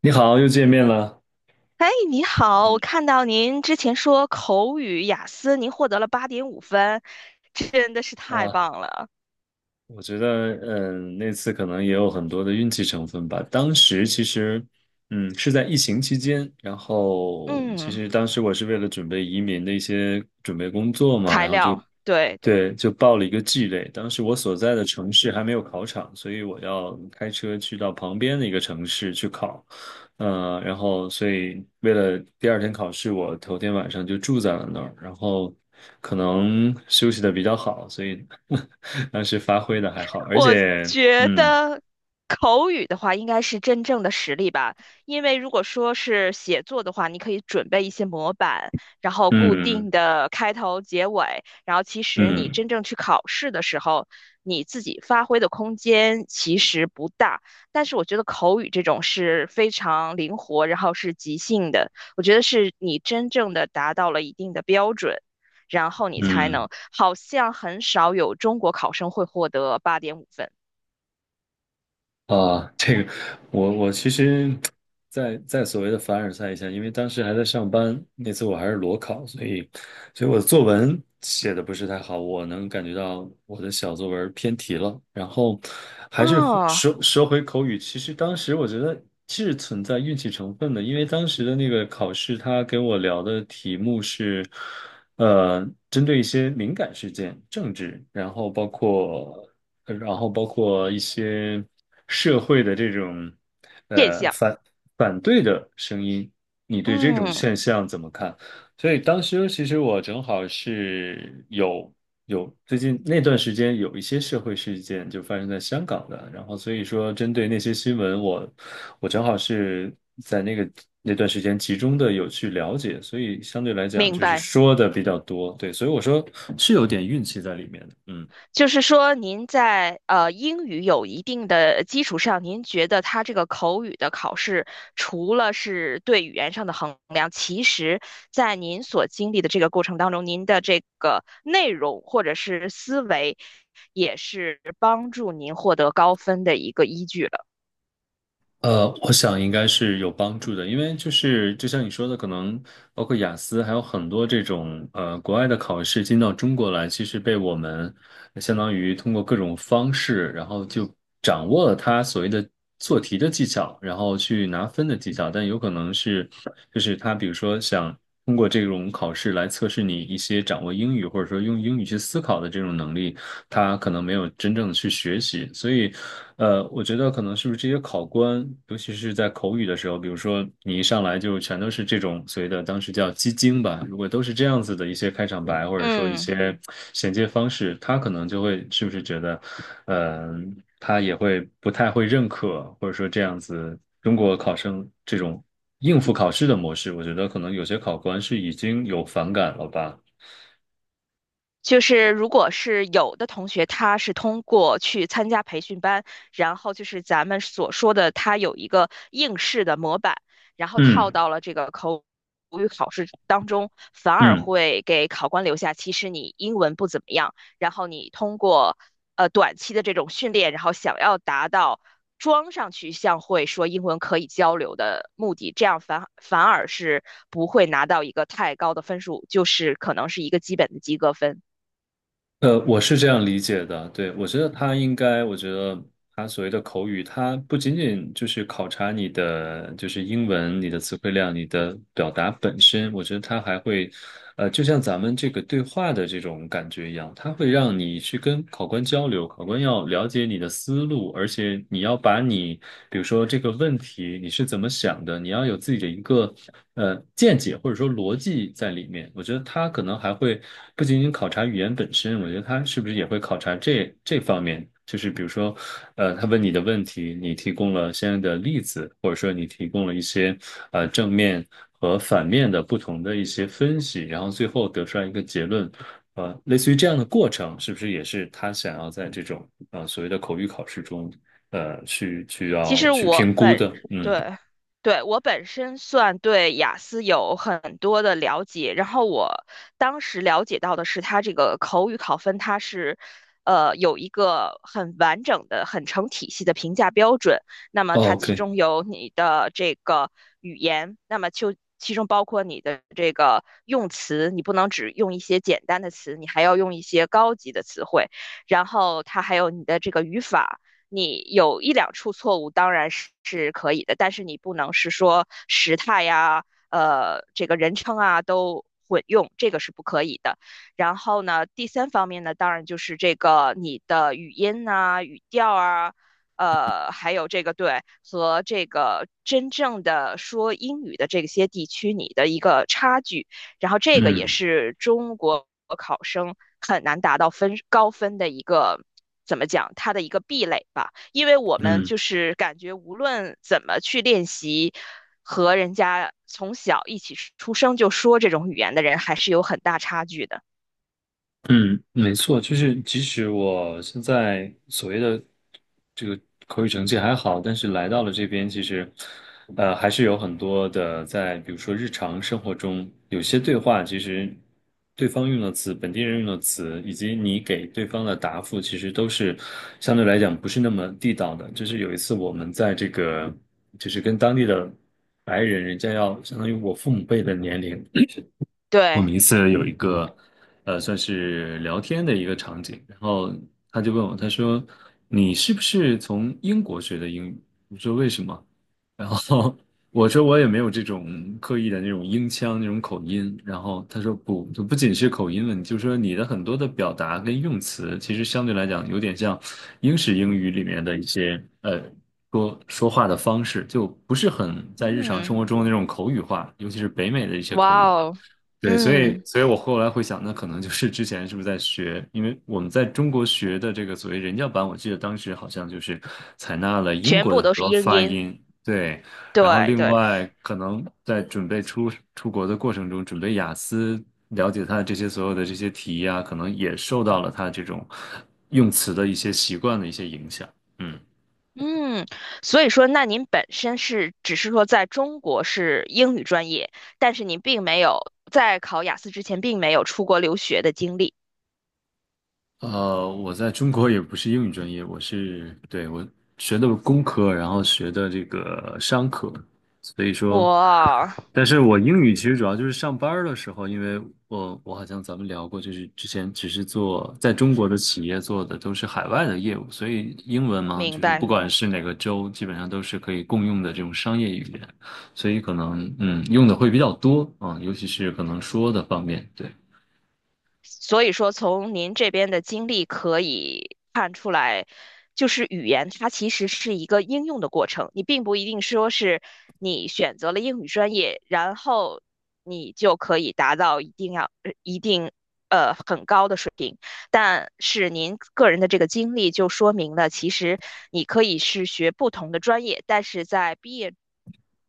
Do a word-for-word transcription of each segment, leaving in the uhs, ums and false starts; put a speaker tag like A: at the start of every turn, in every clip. A: 你好，又见面了。
B: 哎，你好，我
A: 嗯，
B: 看到您之前说口语雅思您获得了八点五分，真的是太
A: 啊！
B: 棒了。
A: 我觉得，嗯，那次可能也有很多的运气成分吧。当时其实，嗯，是在疫情期间，然后其
B: 嗯，
A: 实当时我是为了准备移民的一些准备工作嘛，
B: 材
A: 然后就，
B: 料，对对。
A: 对，就报了一个 G 类。当时我所在的城市还没有考场，所以我要开车去到旁边的一个城市去考。呃，然后所以为了第二天考试，我头天晚上就住在了那儿，然后可能休息的比较好，所以 当时发挥的还好，而
B: 我
A: 且，
B: 觉
A: 嗯
B: 得口语的话，应该是真正的实力吧。因为如果说是写作的话，你可以准备一些模板，然后固
A: 嗯
B: 定的开头、结尾，然后其实你
A: 嗯
B: 真正去考试的时候，你自己发挥的空间其实不大。但是我觉得口语这种是非常灵活，然后是即兴的，我觉得是你真正的达到了一定的标准。然后你才
A: 嗯，
B: 能。好像很少有中国考生会获得八点五分。
A: 啊，这个我我其实在，在所谓的凡尔赛一下，因为当时还在上班，那次我还是裸考，所以所以我的作文写的不是太好，我能感觉到我的小作文偏题了。然后还是
B: 哦，
A: 说说回口语，其实当时我觉得是存在运气成分的，因为当时的那个考试，他给我聊的题目是，呃，针对一些敏感事件、政治，然后包括。呃然后包括一些社会的这种
B: 现
A: 呃
B: 象。
A: 反反对的声音，你对这种
B: 嗯，
A: 现象怎么看？所以当时其实我正好是有有最近那段时间有一些社会事件就发生在香港的，然后所以说针对那些新闻我，我正好是在那个那段时间集中的有去了解，所以相对来讲
B: 明
A: 就是
B: 白。
A: 说的比较多，对，所以我说是有点运气在里面的。嗯，
B: 就是说，您在呃英语有一定的基础上，您觉得它这个口语的考试，除了是对语言上的衡量，其实在您所经历的这个过程当中，您的这个内容或者是思维，也是帮助您获得高分的一个依据了。
A: 呃，我想应该是有帮助的，因为就是就像你说的，可能包括雅思，还有很多这种呃国外的考试进到中国来，其实被我们相当于通过各种方式，然后就掌握了它所谓的做题的技巧，然后去拿分的技巧，但有可能是就是他比如说想。通过这种考试来测试你一些掌握英语或者说用英语去思考的这种能力，他可能没有真正的去学习。所以，呃，我觉得可能是不是这些考官，尤其是在口语的时候，比如说你一上来就全都是这种所谓的当时叫鸡精吧，如果都是这样子的一些开场白或者说一
B: 嗯。
A: 些衔接方式，他可能就会是不是觉得，嗯、他也会不太会认可，或者说这样子中国考生这种。应付考试的模式，我觉得可能有些考官是已经有反感了吧。
B: 就是如果是有的同学，他是通过去参加培训班，然后就是咱们所说的，他有一个应试的模板，然后套
A: 嗯
B: 到了这个口语考试当中，反而
A: 嗯，
B: 会给考官留下，其实你英文不怎么样，然后你通过呃短期的这种训练，然后想要达到装上去像会说英文可以交流的目的，这样反反而是不会拿到一个太高的分数，就是可能是一个基本的及格分。
A: 呃，我是这样理解的。对，我觉得他应该，我觉得他所谓的口语，他不仅仅就是考察你的就是英文、你的词汇量、你的表达本身，我觉得他还会，呃，就像咱们这个对话的这种感觉一样，他会让你去跟考官交流，考官要了解你的思路，而且你要把你，比如说这个问题。题，你是怎么想的？你要有自己的一个呃见解或者说逻辑在里面。我觉得他可能还会不仅仅考察语言本身，我觉得他是不是也会考察这这方面？就是比如说，呃，他问你的问题，你提供了相应的例子，或者说你提供了一些呃正面和反面的不同的一些分析，然后最后得出来一个结论。呃，类似于这样的过程，是不是也是他想要在这种呃所谓的口语考试中呃去去
B: 其
A: 要
B: 实
A: 去
B: 我
A: 评估
B: 本，
A: 的。嗯
B: 对，对，我本身算对雅思有很多的了解，然后我当时了解到的是，它这个口语考分它是，呃，有一个很完整的、很成体系的评价标准。那么它
A: o k
B: 其中有你的这个语言，那么就其中包括你的这个用词，你不能只用一些简单的词，你还要用一些高级的词汇，然后它还有你的这个语法。你有一两处错误当然是是可以的，但是你不能是说时态呀、呃这个人称啊都混用，这个是不可以的。然后呢，第三方面呢，当然就是这个你的语音啊、语调啊。呃，还有这个对和这个真正的说英语的这些地区，你的一个差距，然后这个也
A: 嗯
B: 是中国考生很难达到分高分的一个。怎么讲，它的一个壁垒吧，因为我们
A: 嗯，
B: 就是感觉无论怎么去练习，和人家从小一起出生就说这种语言的人还是有很大差距的。
A: 嗯，没错，就是即使我现在所谓的这个口语成绩还好，但是来到了这边，其实呃还是有很多的在，比如说日常生活中，有些对话其实对方用的词、本地人用的词，以及你给对方的答复，其实都是相对来讲不是那么地道的。就是有一次我们在这个就是跟当地的白人，人家要相当于我父母辈的年龄。我
B: 对，
A: 们一次有一个，呃，算是聊天的一个场景，然后他就问我，他说：“你是不是从英国学的英语？”我说：“为什么？”然后 我说：“我也没有这种刻意的那种英腔那种口音。”然后他说：“不，就不仅是口音问题，就是说你的很多的表达跟用词，其实相对来讲有点像英式英语里面的一些呃说说话的方式，就不是很在日常生
B: 嗯，
A: 活中的那种口语化，尤其是北美的一些口
B: 哇
A: 语化。”
B: 哦，
A: 对，所以，
B: 嗯，
A: 所以我后来会想，那可能就是之前是不是在学？因为我们在中国学的这个所谓人教版，我记得当时好像就是采纳了英
B: 全
A: 国
B: 部
A: 的
B: 都
A: 很
B: 是
A: 多
B: 英
A: 发
B: 音，
A: 音，对。然后
B: 对
A: 另
B: 对。
A: 外，可能在准备出出国的过程中，准备雅思，了解它这些所有的这些题呀、可能也受到了他这种用词的一些习惯的一些影响。嗯。
B: 嗯，所以说，那您本身是只是说在中国是英语专业，但是您并没有在考雅思之前并没有出国留学的经历。
A: 呃，我在中国也不是英语专业，我是，对，我学的工科，然后学的这个商科，所以说，
B: 我
A: 但是我英语其实主要就是上班儿的时候，因为我我好像咱们聊过，就是之前只是做在中国的企业做的都是海外的业务，所以英文嘛，
B: 明
A: 就是不嗯
B: 白，
A: 管是哪个州，基本上都是可以共用的这种商业语言，所以可能嗯用的会比较多啊，尤其是可能说的方面，对。
B: 所以说从您这边的经历可以看出来，就是语言它其实是一个应用的过程，你并不一定说是你选择了英语专业，然后你就可以达到一定要呃一定呃很高的水平。但是您个人的这个经历就说明了，其实你可以是学不同的专业，但是在毕业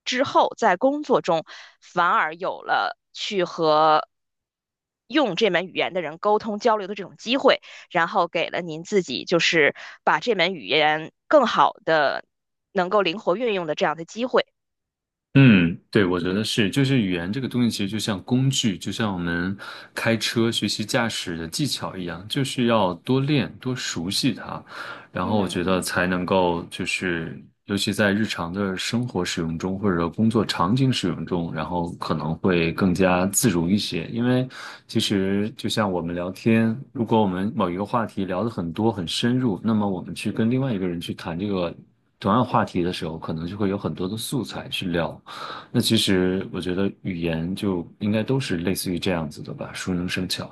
B: 之后，在工作中反而有了去和用这门语言的人沟通交流的这种机会，然后给了您自己就是把这门语言更好的能够灵活运用的这样的机会。
A: 嗯，对，我觉得是，就是语言这个东西，其实就像工具，就像我们开车学习驾驶的技巧一样，就是要多练、多熟悉它，然后我觉得
B: 嗯。
A: 才能够，就是尤其在日常的生活使用中，或者工作场景使用中，然后可能会更加自如一些。因为其实就像我们聊天，如果我们某一个话题聊得很多、很深入，那么我们去跟另外一个人去谈这个。同样话题的时候，可能就会有很多的素材去聊，那其实我觉得语言就应该都是类似于这样子的吧，熟能生巧。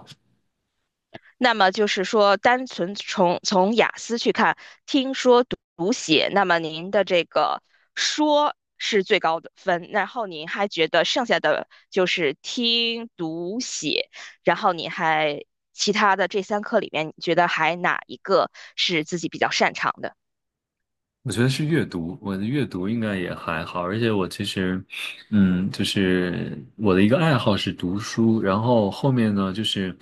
B: 那么就是说，单纯从从雅思去看，听说读读写，那么您的这个说是最高的分，然后您还觉得剩下的就是听读写，然后你还其他的这三课里面，你觉得还哪一个是自己比较擅长的？
A: 我觉得是阅读，我的阅读应该也还好，而且我其实，嗯，就是我的一个爱好是读书，然后后面呢，就是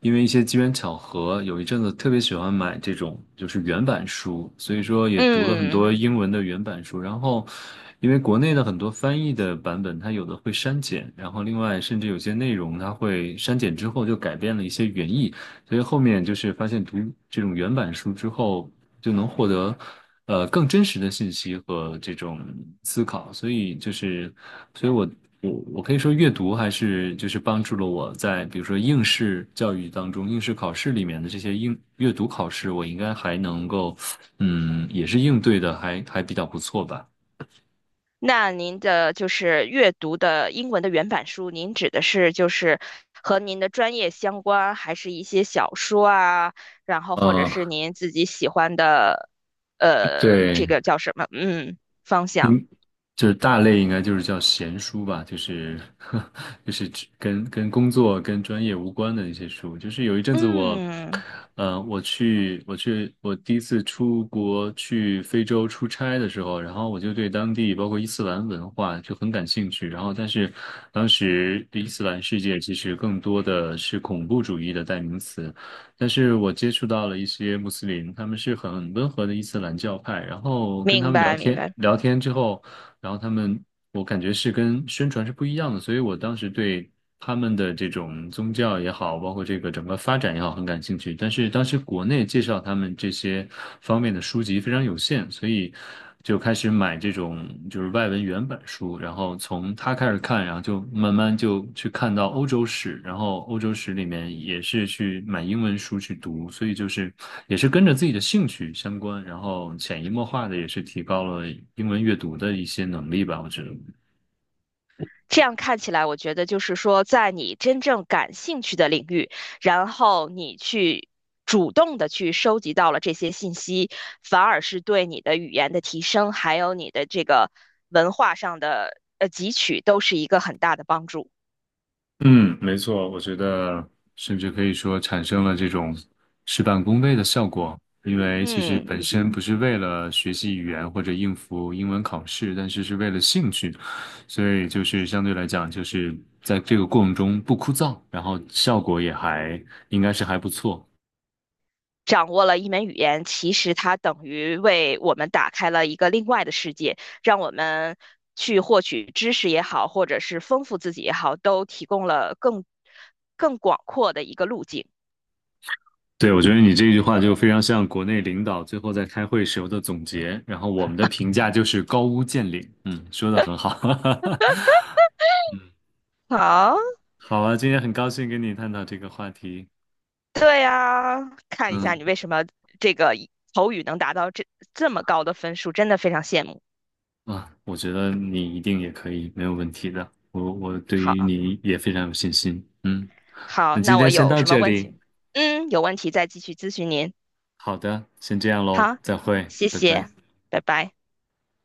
A: 因为一些机缘巧合，有一阵子特别喜欢买这种就是原版书，所以说也读了很
B: 嗯。
A: 多英文的原版书，然后。因为国内的很多翻译的版本，它有的会删减，然后另外甚至有些内容它会删减之后就改变了一些原意，所以后面就是发现读这种原版书之后，就能获得呃更真实的信息和这种思考。所以就是，所以我我我可以说阅读还是就是帮助了我在比如说应试教育当中、应试考试里面的这些应阅读考试，我应该还能够嗯也是应对的还还比较不错吧。
B: 那您的就是阅读的英文的原版书，您指的是就是和您的专业相关，还是一些小说啊，然后或者是
A: 嗯，
B: 您自己喜欢的，呃，
A: 对，
B: 这个叫什么？嗯，方向。
A: 就是大类应该就是叫闲书吧，就是 就是只跟跟工作跟专业无关的那些书。就是有一阵子我，
B: 嗯，
A: 呃，我去我去我第一次出国去非洲出差的时候，然后我就对当地包括伊斯兰文化就很感兴趣。然后但是当时伊斯兰世界其实更多的是恐怖主义的代名词，但是我接触到了一些穆斯林，他们是很温和的伊斯兰教派，然后跟他
B: 明
A: 们聊
B: 白明
A: 天
B: 白。
A: 聊天之后。然后他们，我感觉是跟宣传是不一样的，所以我当时对他们的这种宗教也好，包括这个整个发展也好，很感兴趣。但是当时国内介绍他们这些方面的书籍非常有限，所以就开始买这种就是外文原原本书，然后从他开始看，然后就慢慢就去看到欧洲史，然后欧洲史里面也是去买英文书去读，所以就是也是跟着自己的兴趣相关，然后潜移默化的也是提高了英文阅读的一些能力吧，我觉得。
B: 这样看起来，我觉得就是说，在你真正感兴趣的领域，然后你去主动的去收集到了这些信息，反而是对你的语言的提升，还有你的这个文化上的呃汲取，都是一个很大的帮助。
A: 嗯，没错，我觉得甚至可以说产生了这种事半功倍的效果，因为其实
B: 嗯。
A: 本身不是为了学习语言或者应付英文考试，但是是为了兴趣，所以就是相对来讲，就是在这个过程中不枯燥，然后效果也还应该是还不错。
B: 掌握了一门语言，其实它等于为我们打开了一个另外的世界，让我们去获取知识也好，或者是丰富自己也好，都提供了更更广阔的一个路径。
A: 对，我觉得你这句话就非常像国内领导最后在开会时候的总结，然后我们的评价就是高屋建瓴。嗯，说的很好。嗯。
B: 好，
A: 好啊，今天很高兴跟你探讨这个话题。
B: 对呀，看一下
A: 嗯
B: 你为什么这个口语能达到这这么高的分数，真的非常羡慕。
A: 啊，我觉得你一定也可以，没有问题的。我我对于
B: 好，
A: 你也非常有信心。嗯，
B: 好，
A: 那今
B: 那我
A: 天先
B: 有
A: 到
B: 什么
A: 这
B: 问
A: 里。
B: 题？嗯，有问题再继续咨询您。
A: 好的，先这样喽，
B: 好，
A: 再会，
B: 谢
A: 拜
B: 谢，
A: 拜。
B: 拜拜。